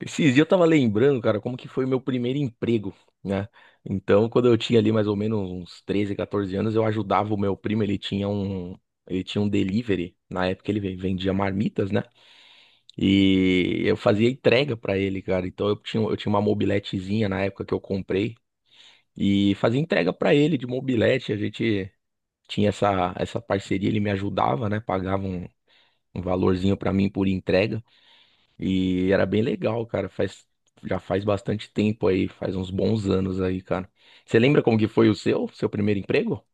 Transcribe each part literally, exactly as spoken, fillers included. Esses dias eu tava lembrando, cara, como que foi o meu primeiro emprego, né? Então, quando eu tinha ali mais ou menos uns treze, quatorze anos, eu ajudava o meu primo, ele tinha um, ele tinha um delivery, na época ele ve- vendia marmitas, né? E eu fazia entrega pra ele, cara. Então eu tinha, eu tinha uma mobiletezinha na época que eu comprei e fazia entrega pra ele de mobilete, a gente tinha essa essa parceria, ele me ajudava, né? Pagava um, um valorzinho pra mim por entrega. E era bem legal, cara. Faz, já faz bastante tempo aí, faz uns bons anos aí, cara. Você lembra como que foi o seu, seu primeiro emprego?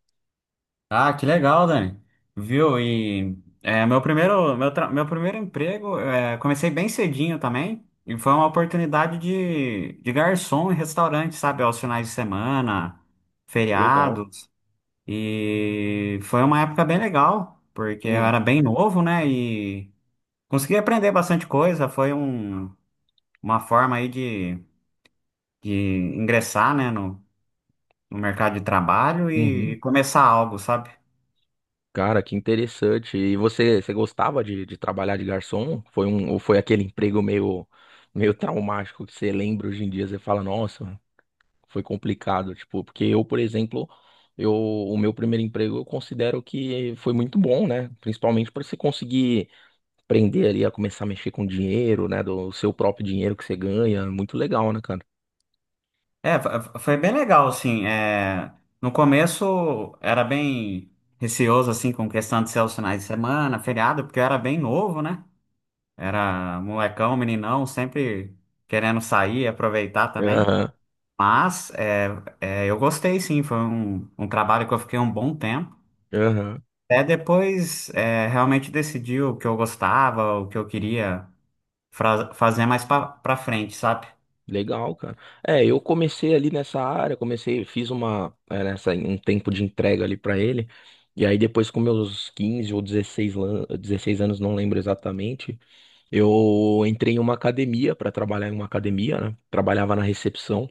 Ah, que legal, Dani. Viu? E é, meu primeiro, meu, tra- meu primeiro emprego, é, comecei bem cedinho também, e foi uma oportunidade de, de garçom em restaurante, sabe? Aos finais de semana, Legal. feriados. E foi uma época bem legal, porque eu Hum. era bem novo, né? E consegui aprender bastante coisa. Foi um, uma forma aí de, de ingressar, né, no, no mercado de trabalho e Uhum. começar algo, sabe? Cara, que interessante. E você, você gostava de, de trabalhar de garçom? Foi um, ou foi aquele emprego meio, meio traumático que você lembra hoje em dia? Você fala, nossa, foi complicado. Tipo, porque eu, por exemplo, eu, o meu primeiro emprego eu considero que foi muito bom, né? Principalmente para você conseguir aprender ali a começar a mexer com dinheiro, né? Do seu próprio dinheiro que você ganha. Muito legal, né, cara? É, fo- foi bem legal, assim. É, no começo era bem receoso, assim, com questão de ser os finais de semana, feriado, porque eu era bem novo, né? Era molecão, meninão, sempre querendo sair e aproveitar também. Aham, Mas é, é, eu gostei, sim. Foi um, um trabalho que eu fiquei um bom tempo. aham. Até depois é, realmente decidi o que eu gostava, o que eu queria fra- fazer mais pra, pra frente, sabe? Legal, cara. É, eu comecei ali nessa área, comecei, fiz uma, é, nessa, um tempo de entrega ali pra ele. E aí depois com meus quinze ou dezesseis lan- dezesseis anos, não lembro exatamente, eu entrei em uma academia pra trabalhar em uma academia, né? Trabalhava na recepção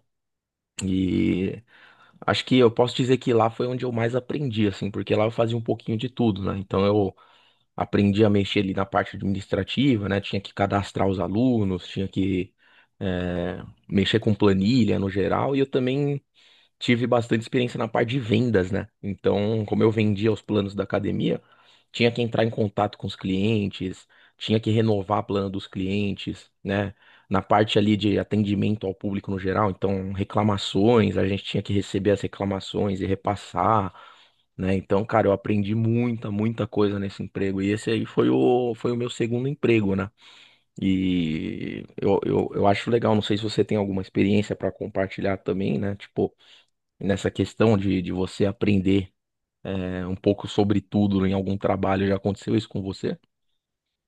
e acho que eu posso dizer que lá foi onde eu mais aprendi, assim, porque lá eu fazia um pouquinho de tudo, né? Então eu aprendi a mexer ali na parte administrativa, né? Tinha que cadastrar os alunos, tinha que eh, mexer com planilha no geral, e eu também tive bastante experiência na parte de vendas, né? Então, como eu vendia os planos da academia, tinha que entrar em contato com os clientes, tinha que renovar plano dos clientes, né? Na parte ali de atendimento ao público no geral, então reclamações, a gente tinha que receber as reclamações e repassar, né? Então, cara, eu aprendi muita, muita coisa nesse emprego. E esse aí foi o, foi o meu segundo emprego, né? E eu, eu, eu acho legal, não sei se você tem alguma experiência para compartilhar também, né? Tipo, nessa questão de, de você aprender é, um pouco sobre tudo em algum trabalho. Já aconteceu isso com você?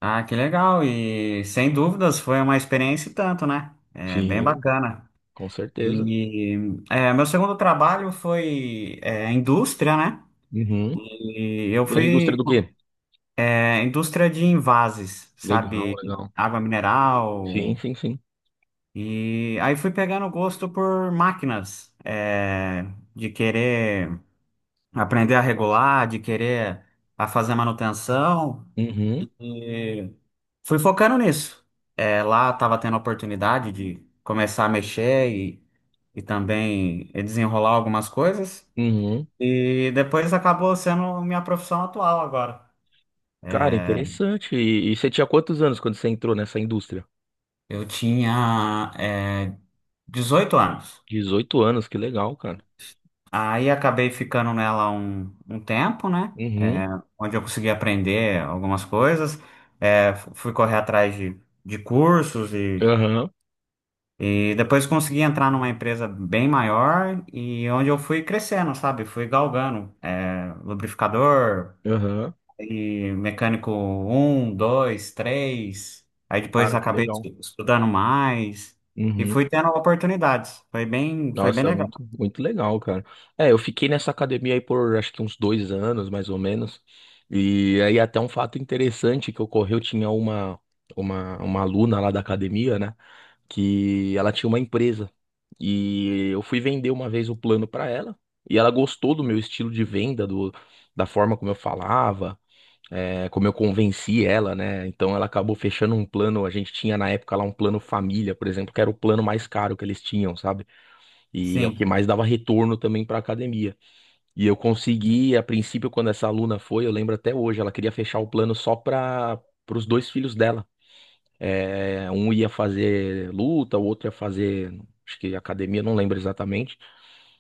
Ah, que legal! E sem dúvidas foi uma experiência e tanto, né? É bem Sim, bacana. com certeza. E é, Meu segundo trabalho foi é, indústria, né? Uhum. E eu E era indústria fui do quê? É, indústria de envases, Legal, sabe? legal. Água Sim, mineral. sim, sim. E aí fui pegando gosto por máquinas, é, de querer aprender a regular, de querer a fazer manutenção. Uhum, Fui focando nisso. É, lá estava tendo a oportunidade de começar a mexer e, e também desenrolar algumas coisas. uhum. E depois acabou sendo minha profissão atual agora. Cara, É, interessante. E, e você tinha quantos anos quando você entrou nessa indústria? Eu tinha, é, dezoito anos. Dezoito anos, que legal, cara. Aí acabei ficando nela um, um tempo, né? Uhum, É, onde eu consegui aprender algumas coisas. É, fu- fui correr atrás de, de cursos e aham, E depois consegui entrar numa empresa bem maior e onde eu fui crescendo, sabe? Fui galgando, é, lubrificador aham. e mecânico um, dois, três. Aí depois Cara, que acabei legal. estu- estudando mais e Uhum. fui tendo oportunidades. Foi bem, foi bem Nossa, legal. muito, muito legal, cara. É, eu fiquei nessa academia aí por acho que uns dois anos, mais ou menos. E aí até um fato interessante que ocorreu, tinha uma, uma, uma aluna lá da academia, né? Que ela tinha uma empresa. E eu fui vender uma vez o plano pra ela. E ela gostou do meu estilo de venda, do, da forma como eu falava, é, como eu convenci ela, né? Então ela acabou fechando um plano. A gente tinha na época lá um plano família, por exemplo, que era o plano mais caro que eles tinham, sabe? E é o que Sim, mais dava retorno também para a academia. E eu consegui, a princípio, quando essa aluna foi, eu lembro até hoje, ela queria fechar o plano só para os dois filhos dela. É, um ia fazer luta, o outro ia fazer, acho que academia, não lembro exatamente.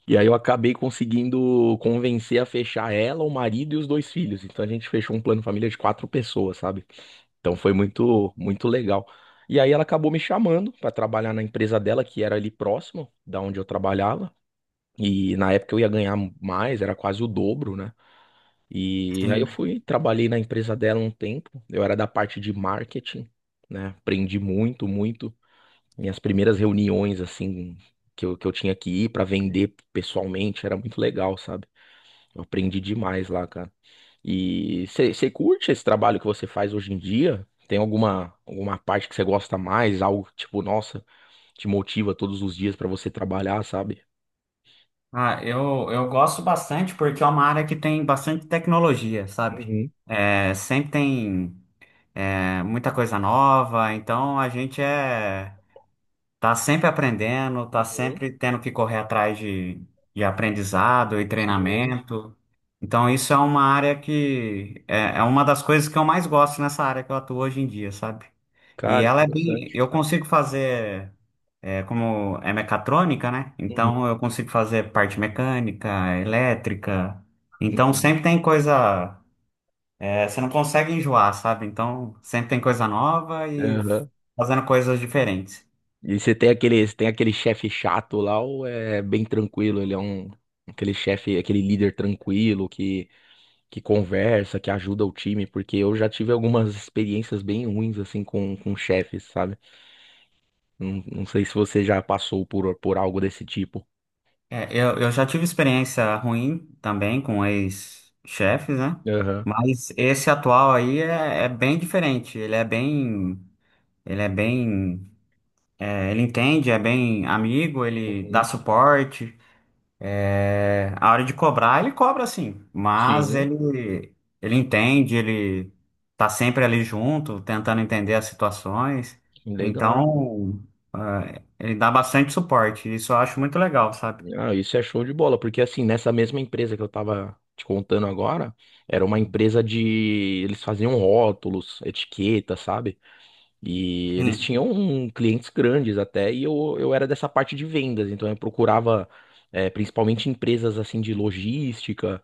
E aí eu acabei conseguindo convencer a fechar ela, o marido e os dois filhos. Então a gente fechou um plano família de quatro pessoas, sabe? Então foi muito, muito legal. E aí ela acabou me chamando para trabalhar na empresa dela, que era ali próximo da onde eu trabalhava. E na época eu ia ganhar mais, era quase o dobro, né? E aí eu sim. fui, trabalhei na empresa dela um tempo. Eu era da parte de marketing, né? Aprendi muito, muito. Minhas primeiras reuniões, assim, que eu, que eu tinha que ir para vender pessoalmente, era muito legal, sabe? Eu aprendi demais lá, cara. E você curte esse trabalho que você faz hoje em dia? Tem alguma, alguma parte que você gosta mais? Algo que, tipo, nossa, te motiva todos os dias para você trabalhar, sabe? Ah, eu, eu gosto bastante porque é uma área que tem bastante tecnologia, sabe? Uhum, É, sempre tem, é, muita coisa nova, então a gente é tá sempre aprendendo, tá uhum. sempre tendo que correr atrás de, de aprendizado e Sim. treinamento. Então, isso é uma área que é, é uma das coisas que eu mais gosto nessa área que eu atuo hoje em dia, sabe? E Cara, ela é bem. interessante. Eu consigo fazer, é, como é mecatrônica, né? Uhum, Então, eu consigo fazer parte mecânica, elétrica. Então, uhum. sempre tem coisa. É, você não consegue enjoar, sabe? Então, sempre tem coisa nova e Aham. fazendo coisas diferentes. E você tem aquele, você tem aquele chefe chato lá ou é bem tranquilo? Ele é um aquele chefe, aquele líder tranquilo que que conversa, que ajuda o time, porque eu já tive algumas experiências bem ruins assim com com chefes, sabe? Não, não sei se você já passou por por algo desse tipo. É, eu, eu já tive experiência ruim também com ex-chefes, né? Aham. Mas esse atual aí é, é bem diferente. Ele é bem, ele é bem, é, Ele entende, é bem amigo, ele dá Uhum. suporte. É, a hora de cobrar, ele cobra sim, mas Sim, ele, ele entende, ele tá sempre ali junto, tentando entender as situações. legal. Então, é, ele dá bastante suporte. Isso eu acho muito legal, sabe? Ah, isso é show de bola, porque assim, nessa mesma empresa que eu tava te contando agora, era uma empresa de. Eles faziam rótulos, etiqueta, sabe? E eles Sim. tinham um- clientes grandes até, e eu, eu era dessa parte de vendas, então eu procurava eh, principalmente empresas assim de logística,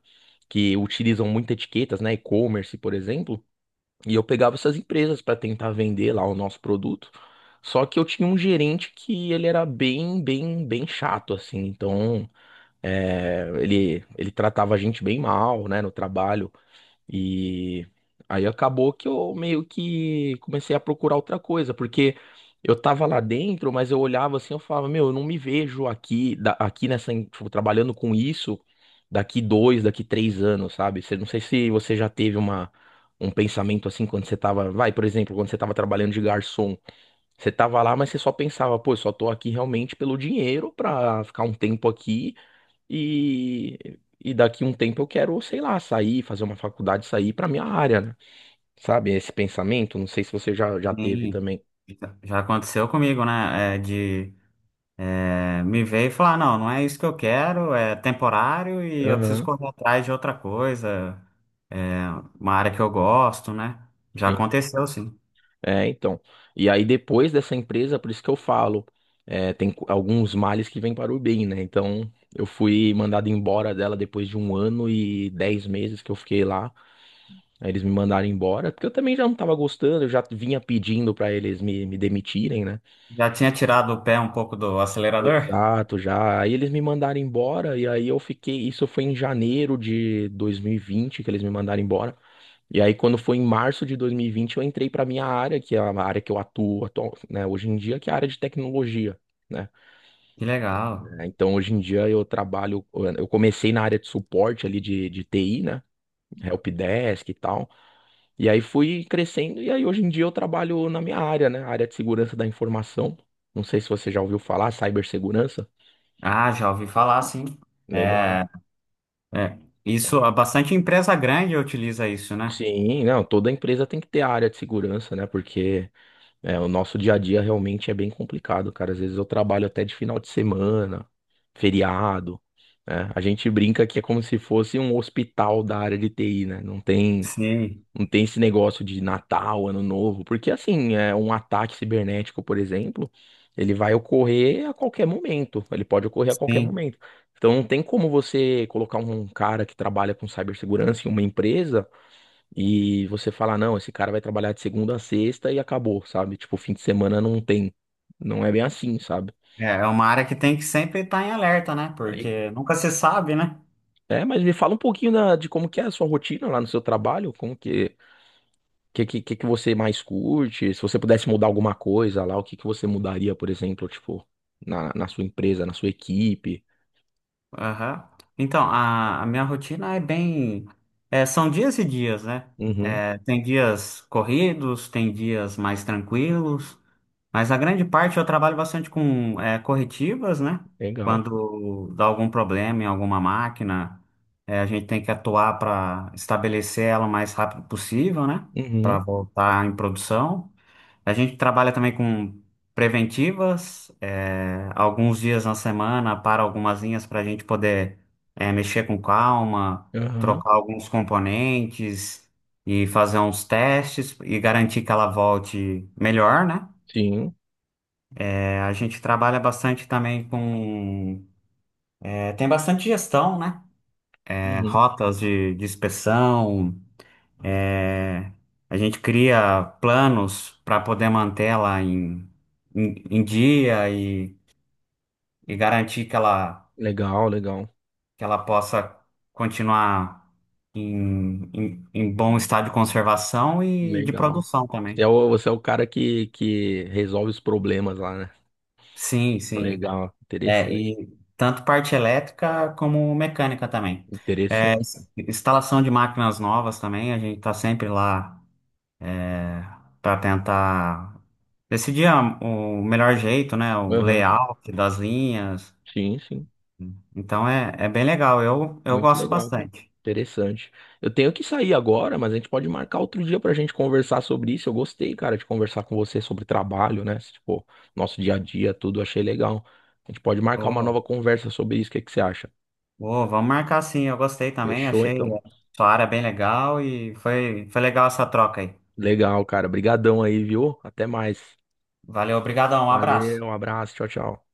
que utilizam muito etiquetas, né? E-commerce, por exemplo, e eu pegava essas empresas para tentar vender lá o nosso produto. Só que eu tinha um gerente que ele era bem, bem, bem chato, assim, então. É, ele, ele tratava a gente bem mal, né, no trabalho. E aí acabou que eu meio que comecei a procurar outra coisa, porque eu tava lá dentro, mas eu olhava assim, eu falava, meu, eu não me vejo aqui, da- aqui nessa, em- tipo, trabalhando com isso daqui dois, daqui três anos, sabe? Você, não sei se você já teve uma, um pensamento assim quando você tava, vai, por exemplo, quando você tava trabalhando de garçom. Você tava lá, mas você só pensava, pô, eu só tô aqui realmente pelo dinheiro pra ficar um tempo aqui e, e daqui um tempo eu quero, sei lá, sair, fazer uma faculdade, sair pra minha área, né? Sabe, esse pensamento, não sei se você já, já teve Sim, também. já já aconteceu comigo, né? É, de é, me ver e falar, não, não é isso que eu quero, é temporário e eu preciso Aham, correr atrás de outra coisa, uma área que eu gosto, né? Já sim. aconteceu, sim. É, então. E aí depois dessa empresa, por isso que eu falo, é, tem co- alguns males que vêm para o bem, né? Então, eu fui mandado embora dela depois de um ano e dez meses que eu fiquei lá. Aí eles me mandaram embora, porque eu também já não tava gostando, eu já vinha pedindo pra eles me, me demitirem, né? Já tinha tirado o pé um pouco do acelerador? Exato, já. Aí eles me mandaram embora, e aí eu fiquei. Isso foi em janeiro de dois mil e vinte que eles me mandaram embora. E aí, quando foi em março de dois mil e vinte eu entrei para minha área, que é a área que eu atuo, atual- né, hoje em dia, que é a área de tecnologia, né? Que legal. É, Então, hoje em dia, eu trabalho. Eu comecei na área de suporte ali de, de T I, né? Helpdesk e tal. E aí fui crescendo, e aí hoje em dia eu trabalho na minha área, né? Área de segurança da informação. Não sei se você já ouviu falar, cibersegurança. Ah, já ouvi falar, sim. Legal. É, é, isso, ah, bastante empresa grande utiliza isso, né? Sim, não, toda empresa tem que ter a área de segurança, né? Porque é, o nosso dia a dia realmente é bem complicado, cara. Às vezes eu trabalho até de final de semana, feriado, né? A gente brinca que é como se fosse um hospital da área de T I, né? Não tem, Sim, não tem esse negócio de Natal, Ano Novo, porque assim, é um ataque cibernético, por exemplo, ele vai ocorrer a qualquer momento, ele pode ocorrer a qualquer sim. momento. Então não tem como você colocar um cara que trabalha com cibersegurança em uma empresa e você fala, não, esse cara vai trabalhar de segunda a sexta e acabou, sabe? Tipo, fim de semana não tem. Não é bem assim, sabe? É, é uma área que tem que sempre estar em alerta, né? Aí- Porque nunca se sabe, né? é, mas me fala um pouquinho da- de como que é a sua rotina lá no seu trabalho, como que, que, que, que que você mais curte, se você pudesse mudar alguma coisa lá, o que que você mudaria, por exemplo, tipo, na, na sua empresa, na sua equipe? Aham. Então, a, a minha rotina é bem. É, são dias e dias, né? Uhum, É, tem dias corridos, tem dias mais tranquilos, mas a grande parte eu trabalho bastante com é, corretivas, né? legal. Quando dá algum problema em alguma máquina, é, a gente tem que atuar para estabelecer ela o mais rápido possível, né? Para Uhum, voltar em produção. A gente trabalha também com preventivas, é, alguns dias na semana para algumas linhas para a gente poder é, mexer com calma, aham, trocar alguns componentes e fazer uns testes e garantir que ela volte melhor, né? sim, É, a gente trabalha bastante também com. É, tem bastante gestão, né? É, uhum. rotas de, de inspeção, é, a gente cria planos para poder manter ela em, em em dia e. E garantir que ela, Legal, legal, que ela possa continuar em, em, em bom estado de conservação e de legal. produção Você também. é o, você é o cara que, que resolve os problemas lá, né? Sim, sim. Legal, É, interessante, e tanto parte elétrica como mecânica também. É, interessante. instalação de máquinas novas também, a gente está sempre lá para tentar decidir a- o melhor jeito, né? O Aham, layout das linhas. Sim, sim, Então é, é bem legal, eu, eu muito gosto legal, cara. bastante. Interessante. Eu tenho que sair agora, mas a gente pode marcar outro dia pra gente conversar sobre isso. Eu gostei, cara, de conversar com você sobre trabalho, né? Tipo, nosso dia a dia, tudo, achei legal. A gente pode marcar uma nova conversa sobre isso. O que que você acha? Pô, vamos marcar sim, eu gostei também, Fechou, achei então. sua área bem legal e foi, foi legal essa troca aí. Legal, cara. Brigadão aí, viu? Até mais. Valeu, obrigadão, um Valeu, abraço. um abraço, tchau, tchau.